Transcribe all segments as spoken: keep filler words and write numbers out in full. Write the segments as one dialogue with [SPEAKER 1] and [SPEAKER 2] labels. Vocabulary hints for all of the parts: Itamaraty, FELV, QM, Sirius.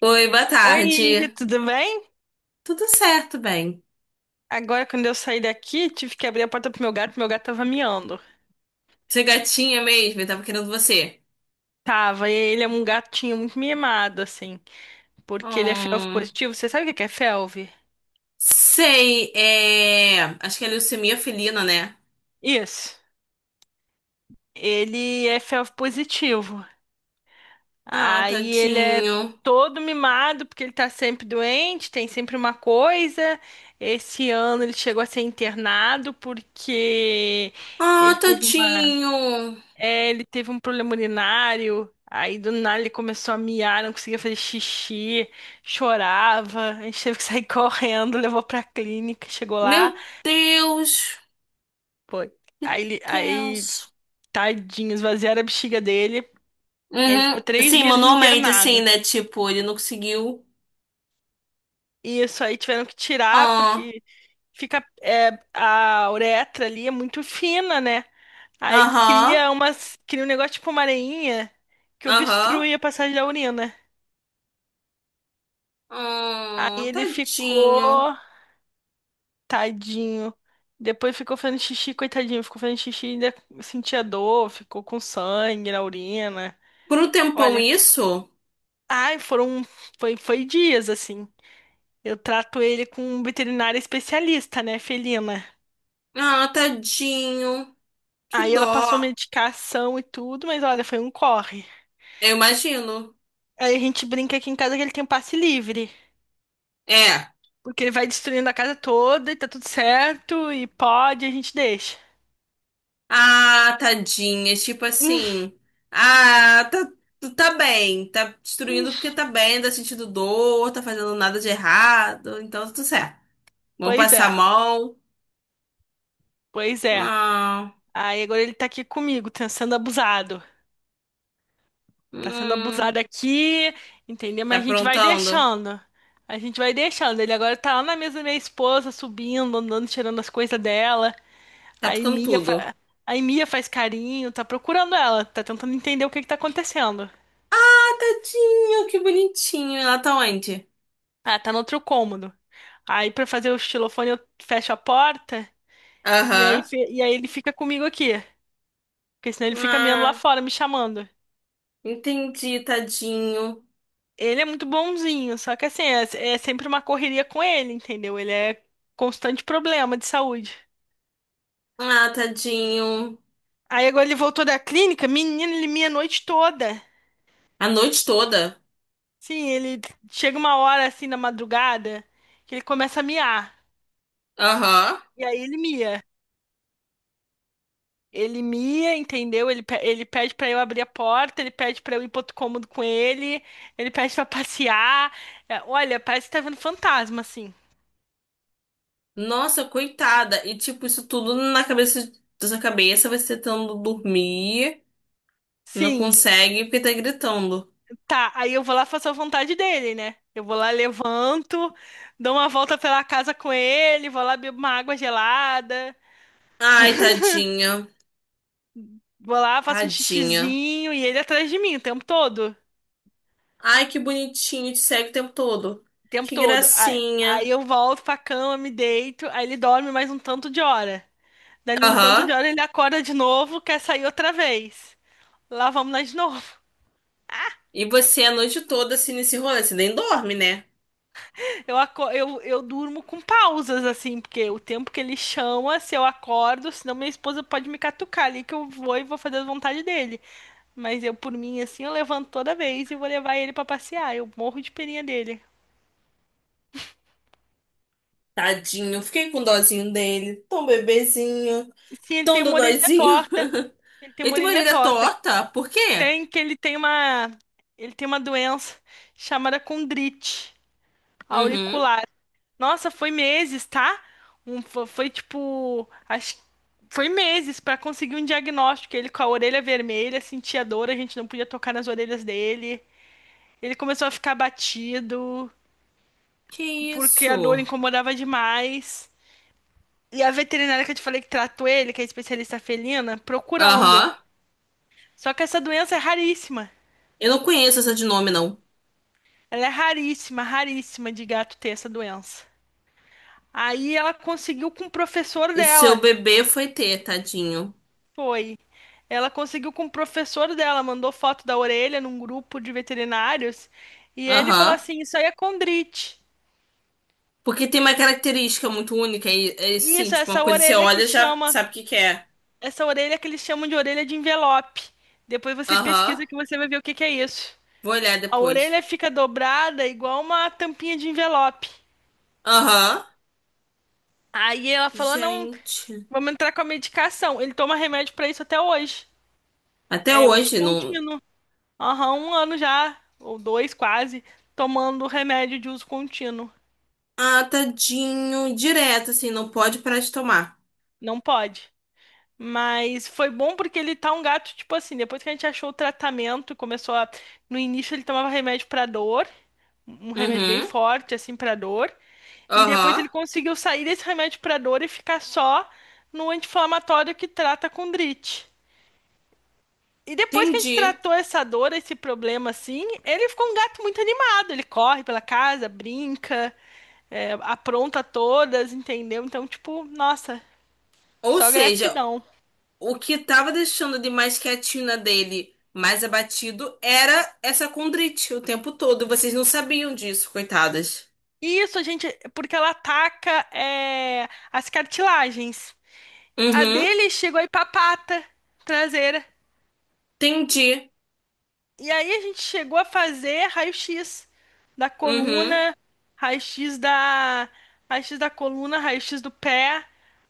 [SPEAKER 1] Oi, boa
[SPEAKER 2] Oi,
[SPEAKER 1] tarde.
[SPEAKER 2] tudo bem?
[SPEAKER 1] Tudo certo, bem?
[SPEAKER 2] Agora, quando eu saí daqui, tive que abrir a porta pro meu gato, meu gato tava miando.
[SPEAKER 1] Você é gatinha mesmo? Eu tava querendo você.
[SPEAKER 2] Tava, e ele é um gatinho muito mimado, assim, porque ele é felv
[SPEAKER 1] Hum,
[SPEAKER 2] positivo. Você sabe o que que é felv?
[SPEAKER 1] sei, é... acho que é leucemia felina, né?
[SPEAKER 2] Isso. Ele é felv positivo.
[SPEAKER 1] Ah,
[SPEAKER 2] Aí ele é
[SPEAKER 1] tadinho.
[SPEAKER 2] todo mimado, porque ele tá sempre doente, tem sempre uma coisa. Esse ano ele chegou a ser internado porque
[SPEAKER 1] Ah,
[SPEAKER 2] ele teve uma
[SPEAKER 1] tadinho.
[SPEAKER 2] É, ele teve um problema urinário, aí do nada ele começou a miar, não conseguia fazer xixi, chorava, a gente teve que sair correndo, levou pra clínica, chegou lá,
[SPEAKER 1] Meu Deus,
[SPEAKER 2] pô,
[SPEAKER 1] que
[SPEAKER 2] aí, ele- aí
[SPEAKER 1] tenso.
[SPEAKER 2] tadinho, esvaziaram a bexiga dele, ele ficou
[SPEAKER 1] Uhum.
[SPEAKER 2] três
[SPEAKER 1] Sim,
[SPEAKER 2] dias
[SPEAKER 1] manualmente, assim,
[SPEAKER 2] internado.
[SPEAKER 1] né? Tipo, ele não conseguiu.
[SPEAKER 2] Isso aí tiveram que tirar,
[SPEAKER 1] Ah,
[SPEAKER 2] porque fica, é, a uretra ali é muito fina, né? Aí
[SPEAKER 1] aham,
[SPEAKER 2] cria umas, cria um negócio tipo uma areinha que
[SPEAKER 1] aham.
[SPEAKER 2] obstrui a passagem da urina. Aí
[SPEAKER 1] Ah,
[SPEAKER 2] ele
[SPEAKER 1] tadinho.
[SPEAKER 2] ficou. Tadinho. Depois ficou fazendo xixi, coitadinho. Ficou fazendo xixi e ainda sentia dor, ficou com sangue na urina.
[SPEAKER 1] Por um tempão
[SPEAKER 2] Olha,
[SPEAKER 1] isso?
[SPEAKER 2] ai, foram, foi, foi dias assim. Eu trato ele com um veterinário especialista, né, felina.
[SPEAKER 1] Ah, tadinho. Que
[SPEAKER 2] Aí
[SPEAKER 1] dó.
[SPEAKER 2] ela passou medicação e tudo, mas olha, foi um corre.
[SPEAKER 1] Eu imagino.
[SPEAKER 2] Aí a gente brinca aqui em casa que ele tem um passe livre,
[SPEAKER 1] É.
[SPEAKER 2] porque ele vai destruindo a casa toda e tá tudo certo, e pode, a gente deixa.
[SPEAKER 1] Ah, tadinha. Tipo
[SPEAKER 2] Hum.
[SPEAKER 1] assim. Ah, tá, tu tá bem. Tá
[SPEAKER 2] Hum.
[SPEAKER 1] destruindo porque tá bem, tá sentindo dor, tá fazendo nada de errado. Então, tá tudo certo. Vamos
[SPEAKER 2] Pois
[SPEAKER 1] passar
[SPEAKER 2] é,
[SPEAKER 1] a mão.
[SPEAKER 2] pois é.
[SPEAKER 1] Ah,
[SPEAKER 2] Aí agora ele tá aqui comigo, tá sendo abusado. Tá sendo
[SPEAKER 1] hum,
[SPEAKER 2] abusado aqui, entendeu?
[SPEAKER 1] tá
[SPEAKER 2] Mas a gente vai
[SPEAKER 1] aprontando?
[SPEAKER 2] deixando. A gente vai deixando. Ele agora tá lá na mesa da minha esposa, subindo, andando, tirando as coisas dela.
[SPEAKER 1] Tá
[SPEAKER 2] Aí
[SPEAKER 1] tocando
[SPEAKER 2] Mia,
[SPEAKER 1] tudo.
[SPEAKER 2] fa... Aí mia faz carinho, tá procurando ela, tá tentando entender o que que tá acontecendo.
[SPEAKER 1] Ah, tadinho, que bonitinho. Ela tá onde?
[SPEAKER 2] Ah, tá no outro cômodo. Aí pra fazer o xilofone eu fecho a porta e aí,
[SPEAKER 1] Aham.
[SPEAKER 2] fe- e aí ele fica comigo aqui. Porque senão ele fica miando lá
[SPEAKER 1] Ah,
[SPEAKER 2] fora, me chamando.
[SPEAKER 1] entendi, tadinho.
[SPEAKER 2] Ele é muito bonzinho, só que assim, é, é sempre uma correria com ele, entendeu? Ele é constante problema de saúde.
[SPEAKER 1] Ah, tadinho.
[SPEAKER 2] Aí agora ele voltou da clínica, menino, ele mia a noite toda.
[SPEAKER 1] A noite toda.
[SPEAKER 2] Sim, ele chega uma hora assim na madrugada que ele começa a miar.
[SPEAKER 1] Aham.
[SPEAKER 2] E aí ele mia. Ele mia, entendeu? Ele, pe- ele pede pra eu abrir a porta, ele pede pra eu ir pro outro cômodo com ele, ele pede pra passear. É, olha, parece que tá vendo fantasma, assim.
[SPEAKER 1] Nossa, coitada. E tipo, isso tudo na cabeça da sua cabeça, você tentando dormir, não
[SPEAKER 2] Sim.
[SPEAKER 1] consegue porque tá gritando.
[SPEAKER 2] Tá, aí eu vou lá faço a vontade dele, né? Eu vou lá, levanto, dou uma volta pela casa com ele, vou lá, bebo uma água gelada,
[SPEAKER 1] Ai, tadinha.
[SPEAKER 2] vou lá, faço um
[SPEAKER 1] Tadinha.
[SPEAKER 2] xixizinho e ele atrás de mim o tempo todo.
[SPEAKER 1] Ai, que bonitinho, te segue o tempo todo.
[SPEAKER 2] O tempo
[SPEAKER 1] Que
[SPEAKER 2] todo. Aí, aí
[SPEAKER 1] gracinha.
[SPEAKER 2] eu volto pra cama, me deito, aí ele dorme mais um tanto de hora. Dali um tanto
[SPEAKER 1] Aham.
[SPEAKER 2] de hora ele acorda de novo, quer sair outra vez. Lá vamos nós de novo.
[SPEAKER 1] E você a noite toda assim nesse rolê, você nem dorme, né?
[SPEAKER 2] Eu, aco- eu, eu durmo com pausas, assim, porque o tempo que ele chama, se eu acordo, senão minha esposa pode me catucar ali que eu vou e vou fazer a vontade dele. Mas eu, por mim, assim, eu levanto toda vez e vou levar ele pra passear. Eu morro de perinha dele.
[SPEAKER 1] Tadinho, fiquei com dozinho dele. Tão bebezinho,
[SPEAKER 2] Sim, ele
[SPEAKER 1] tão
[SPEAKER 2] tem uma orelhinha
[SPEAKER 1] dodóizinho.
[SPEAKER 2] torta. Ele tem
[SPEAKER 1] Ele
[SPEAKER 2] uma
[SPEAKER 1] tem uma
[SPEAKER 2] orelhinha
[SPEAKER 1] orelha
[SPEAKER 2] torta.
[SPEAKER 1] torta, por quê?
[SPEAKER 2] Tem que ele tem uma. Ele tem uma doença chamada condrite
[SPEAKER 1] Uhum.
[SPEAKER 2] auricular. Nossa, foi meses, tá? Um, fo- foi, tipo, acho, foi meses pra conseguir um diagnóstico. Ele com a orelha vermelha, sentia dor, a gente não podia tocar nas orelhas dele. Ele começou a ficar batido
[SPEAKER 1] Que
[SPEAKER 2] porque a dor
[SPEAKER 1] isso?
[SPEAKER 2] incomodava demais. E a veterinária que eu te falei que tratou ele, que é especialista felina, procurando.
[SPEAKER 1] Aham.
[SPEAKER 2] Só que essa doença é raríssima.
[SPEAKER 1] Eu não conheço essa de nome, não.
[SPEAKER 2] Ela é raríssima, raríssima de gato ter essa doença. Aí ela conseguiu com o professor
[SPEAKER 1] O seu
[SPEAKER 2] dela.
[SPEAKER 1] bebê foi ter, tadinho.
[SPEAKER 2] Foi. Ela conseguiu com o professor dela, mandou foto da orelha num grupo de veterinários, e ele falou
[SPEAKER 1] Aham.
[SPEAKER 2] assim: Isso aí é condrite.
[SPEAKER 1] Porque tem uma característica muito única e, é assim,
[SPEAKER 2] Isso,
[SPEAKER 1] tipo, uma
[SPEAKER 2] essa
[SPEAKER 1] coisa que você
[SPEAKER 2] orelha
[SPEAKER 1] olha
[SPEAKER 2] que
[SPEAKER 1] e já
[SPEAKER 2] chama,
[SPEAKER 1] sabe o que que é.
[SPEAKER 2] essa orelha que eles chamam de orelha de envelope. Depois você
[SPEAKER 1] Aham.
[SPEAKER 2] pesquisa que você vai ver o que que é isso.
[SPEAKER 1] Vou olhar
[SPEAKER 2] A
[SPEAKER 1] depois.
[SPEAKER 2] orelha fica dobrada igual uma tampinha de envelope.
[SPEAKER 1] Aham.
[SPEAKER 2] Aí ela falou: Não,
[SPEAKER 1] Gente.
[SPEAKER 2] vamos entrar com a medicação. Ele toma remédio pra isso até hoje.
[SPEAKER 1] Até
[SPEAKER 2] É uso
[SPEAKER 1] hoje, não.
[SPEAKER 2] contínuo. Aham, um ano já, ou dois quase, tomando remédio de uso contínuo.
[SPEAKER 1] Ah, tadinho. Direto, assim, não pode parar de tomar.
[SPEAKER 2] Não pode. Mas foi bom porque ele tá um gato, tipo assim, depois que a gente achou o tratamento, começou a. No início ele tomava remédio pra dor, um remédio bem
[SPEAKER 1] Uhum.
[SPEAKER 2] forte, assim, pra dor. E depois
[SPEAKER 1] Aham.
[SPEAKER 2] ele conseguiu sair desse remédio pra dor e ficar só no anti-inflamatório que trata condrite. E depois que a gente
[SPEAKER 1] Entendi.
[SPEAKER 2] tratou essa dor, esse problema, assim, ele ficou um gato muito animado. Ele corre pela casa, brinca. É, apronta todas, entendeu? Então, tipo, nossa,
[SPEAKER 1] Ou
[SPEAKER 2] só
[SPEAKER 1] seja,
[SPEAKER 2] gratidão.
[SPEAKER 1] o que tava deixando de mais quietinho na dele, mais abatido, era essa condrite o tempo todo. Vocês não sabiam disso, coitadas.
[SPEAKER 2] E isso, a gente, porque ela ataca é, as cartilagens. A
[SPEAKER 1] Uhum,
[SPEAKER 2] dele chegou aí pra pata traseira.
[SPEAKER 1] entendi.
[SPEAKER 2] E aí a gente chegou a fazer raio-x da
[SPEAKER 1] Uhum,
[SPEAKER 2] coluna, raio-x da, raio-x da coluna, raio-x do pé,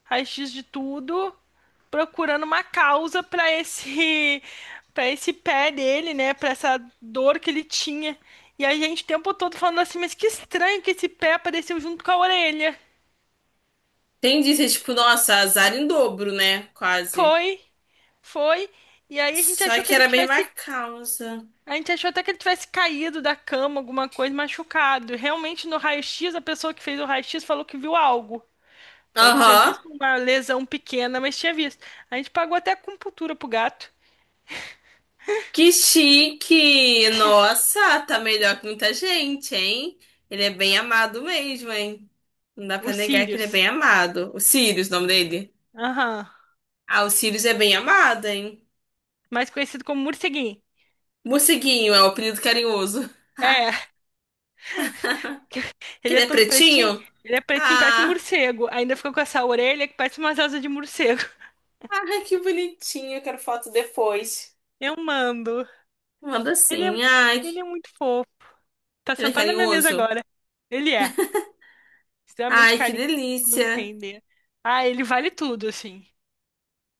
[SPEAKER 2] raio-x de tudo, procurando uma causa para esse para esse pé dele, né, para essa dor que ele tinha. E a gente o tempo todo falando assim, mas que estranho que esse pé apareceu junto com a orelha.
[SPEAKER 1] entendi. Vocês, tipo, nossa, azar em dobro, né? Quase.
[SPEAKER 2] Foi, foi. E aí a gente
[SPEAKER 1] Só
[SPEAKER 2] achou que
[SPEAKER 1] que
[SPEAKER 2] ele
[SPEAKER 1] era a mesma
[SPEAKER 2] tivesse
[SPEAKER 1] causa.
[SPEAKER 2] A gente achou até que ele tivesse caído da cama, alguma coisa, machucado. Realmente, no raio-x, a pessoa que fez o raio-x falou que viu algo. Falou que tinha
[SPEAKER 1] Aham.
[SPEAKER 2] visto uma lesão pequena, mas tinha visto. A gente pagou até acupuntura pro gato.
[SPEAKER 1] Que chique! Nossa, tá melhor que muita gente, hein? Ele é bem amado mesmo, hein? Não dá
[SPEAKER 2] O
[SPEAKER 1] pra negar que ele é bem
[SPEAKER 2] Sirius.
[SPEAKER 1] amado. O Sirius, o nome dele.
[SPEAKER 2] Aham.
[SPEAKER 1] Ah, o Sirius é bem amado, hein?
[SPEAKER 2] Mais conhecido como morceguinho.
[SPEAKER 1] Morceguinho é o apelido carinhoso.
[SPEAKER 2] É,
[SPEAKER 1] Que
[SPEAKER 2] ele
[SPEAKER 1] ele
[SPEAKER 2] é
[SPEAKER 1] é
[SPEAKER 2] todo pretinho.
[SPEAKER 1] pretinho?
[SPEAKER 2] Ele é pretinho, parece um
[SPEAKER 1] Ah,
[SPEAKER 2] morcego. Ainda ficou com essa orelha que parece umas asas de morcego.
[SPEAKER 1] ai, que bonitinho. Eu quero foto depois.
[SPEAKER 2] Eu mando.
[SPEAKER 1] Manda
[SPEAKER 2] Ele é,
[SPEAKER 1] sim. Ai,
[SPEAKER 2] ele
[SPEAKER 1] que-
[SPEAKER 2] é muito fofo. Tá
[SPEAKER 1] ele é
[SPEAKER 2] sentado na minha mesa
[SPEAKER 1] carinhoso.
[SPEAKER 2] agora. Ele é. Extremamente
[SPEAKER 1] Ai, que
[SPEAKER 2] carinho, não
[SPEAKER 1] delícia.
[SPEAKER 2] entender. Ah, ele vale tudo, assim.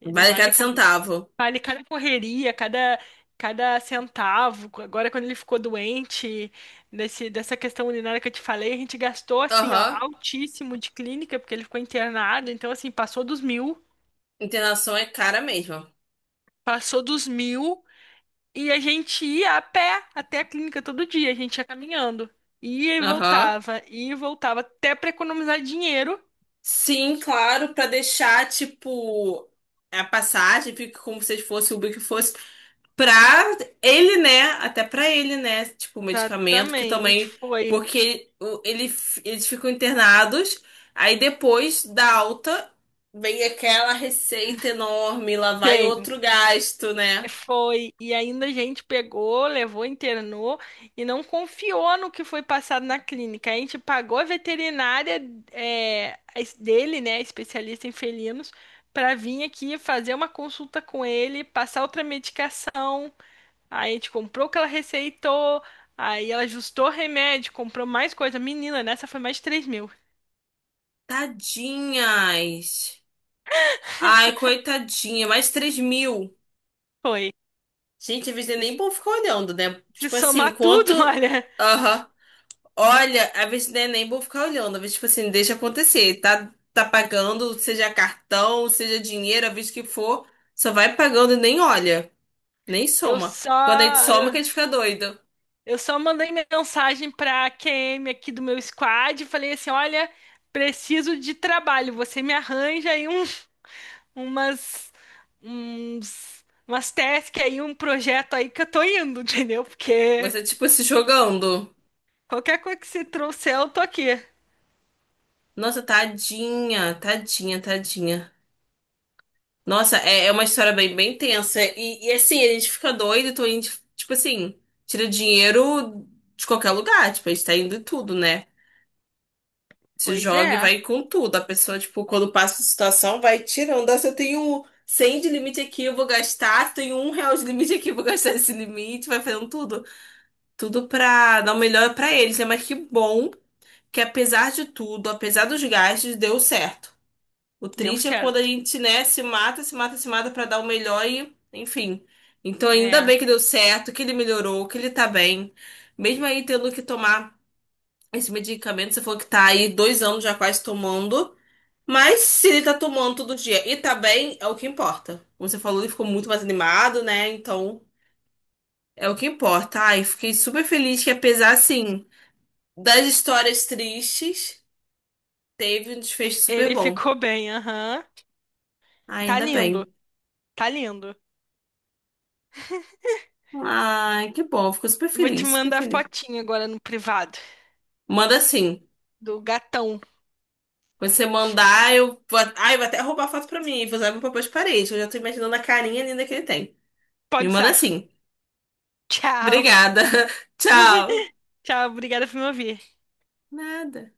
[SPEAKER 2] Ele
[SPEAKER 1] Vale
[SPEAKER 2] vale
[SPEAKER 1] cada
[SPEAKER 2] cada,
[SPEAKER 1] centavo.
[SPEAKER 2] vale cada correria, cada, cada centavo. Agora, quando ele ficou doente, nesse, dessa questão urinária que eu te falei, a gente gastou, assim, ó,
[SPEAKER 1] Aham.
[SPEAKER 2] altíssimo de clínica, porque ele ficou internado. Então, assim, passou dos mil,
[SPEAKER 1] Internação é cara mesmo.
[SPEAKER 2] passou dos mil. E a gente ia a pé até a clínica todo dia, a gente ia caminhando. Ia e
[SPEAKER 1] Aham.
[SPEAKER 2] voltava, ia e voltava, até para economizar dinheiro.
[SPEAKER 1] Sim, claro, pra deixar, tipo, a passagem, fica como se fosse o Uber que fosse. Pra ele, né? Até pra ele, né? Tipo, o medicamento que
[SPEAKER 2] Exatamente,
[SPEAKER 1] também.
[SPEAKER 2] foi.
[SPEAKER 1] Porque o- ele, eles ficam internados, aí depois da alta vem aquela receita enorme, lá vai
[SPEAKER 2] Bem,
[SPEAKER 1] outro gasto, né?
[SPEAKER 2] foi, e ainda a gente pegou, levou, internou e não confiou no que foi passado na clínica. A gente pagou a veterinária é, a es- dele, né, especialista em felinos, para vir aqui fazer uma consulta com ele, passar outra medicação. Aí a gente comprou o que ela receitou, aí ela ajustou o remédio, comprou mais coisa. Menina, nessa foi mais de três mil.
[SPEAKER 1] Tadinhas. Ai, coitadinha, mais três mil.
[SPEAKER 2] Foi.
[SPEAKER 1] Gente, às vezes é
[SPEAKER 2] Se
[SPEAKER 1] nem bom ficar olhando, né?
[SPEAKER 2] se
[SPEAKER 1] Tipo assim,
[SPEAKER 2] somar tudo,
[SPEAKER 1] enquanto.
[SPEAKER 2] olha,
[SPEAKER 1] Aham. Olha, a vez não é nem vou ficar olhando, às vezes, tipo assim, deixa acontecer. Tá, tá pagando, seja cartão, seja dinheiro, a vez que for, só vai pagando e nem olha, nem
[SPEAKER 2] eu
[SPEAKER 1] soma.
[SPEAKER 2] só.
[SPEAKER 1] Quando a gente soma, que a gente fica doido.
[SPEAKER 2] Eu só mandei mensagem para pra Q M aqui do meu squad e falei assim: olha, preciso de trabalho. Você me arranja aí um, umas, uns, umas tasks aí, um projeto aí que eu tô indo, entendeu? Porque
[SPEAKER 1] Você, tipo, se jogando.
[SPEAKER 2] qualquer coisa que você trouxer, eu tô aqui.
[SPEAKER 1] Nossa, tadinha, tadinha, tadinha. Nossa, é, é uma história bem, bem tensa. E, e assim, a gente fica doido, então a gente, tipo assim, tira dinheiro de qualquer lugar, tipo, a gente tá indo em tudo, né? Se
[SPEAKER 2] Pois
[SPEAKER 1] joga e
[SPEAKER 2] é,
[SPEAKER 1] vai com tudo. A pessoa, tipo, quando passa a situação, vai tirando. Ah, se eu tenho cem de limite aqui, eu vou gastar. Se eu tenho um real de limite aqui, eu vou gastar esse limite. Vai fazendo tudo. Tudo pra dar o melhor pra eles, né? Mas que bom que, apesar de tudo, apesar dos gastos, deu certo. O
[SPEAKER 2] deu
[SPEAKER 1] triste é quando a
[SPEAKER 2] certo.
[SPEAKER 1] gente, né, se mata, se mata, se mata pra dar o melhor e, enfim. Então, ainda
[SPEAKER 2] É,
[SPEAKER 1] bem que deu certo, que ele melhorou, que ele tá bem. Mesmo aí tendo que tomar esse medicamento, você falou que tá aí dois anos já quase tomando. Mas se ele tá tomando todo dia e tá bem, é o que importa. Como você falou, ele ficou muito mais animado, né? Então, é o que importa. Ai, fiquei super feliz que apesar, assim, das histórias tristes, teve um desfecho super
[SPEAKER 2] ele
[SPEAKER 1] bom.
[SPEAKER 2] ficou bem, aham. Tá
[SPEAKER 1] Ainda
[SPEAKER 2] lindo,
[SPEAKER 1] bem.
[SPEAKER 2] tá lindo.
[SPEAKER 1] Ai, que bom. Fico super
[SPEAKER 2] Vou te
[SPEAKER 1] feliz, super
[SPEAKER 2] mandar
[SPEAKER 1] feliz.
[SPEAKER 2] fotinho agora no privado
[SPEAKER 1] Manda assim.
[SPEAKER 2] do gatão.
[SPEAKER 1] Quando você mandar, eu vou... Ai, vai até roubar a foto pra mim e vou usar meu papel de parede. Eu já tô imaginando a carinha linda que ele tem. Me
[SPEAKER 2] Pode
[SPEAKER 1] manda
[SPEAKER 2] usar.
[SPEAKER 1] assim.
[SPEAKER 2] Tchau,
[SPEAKER 1] Obrigada. Tchau.
[SPEAKER 2] tchau, obrigada por me ouvir.
[SPEAKER 1] Nada.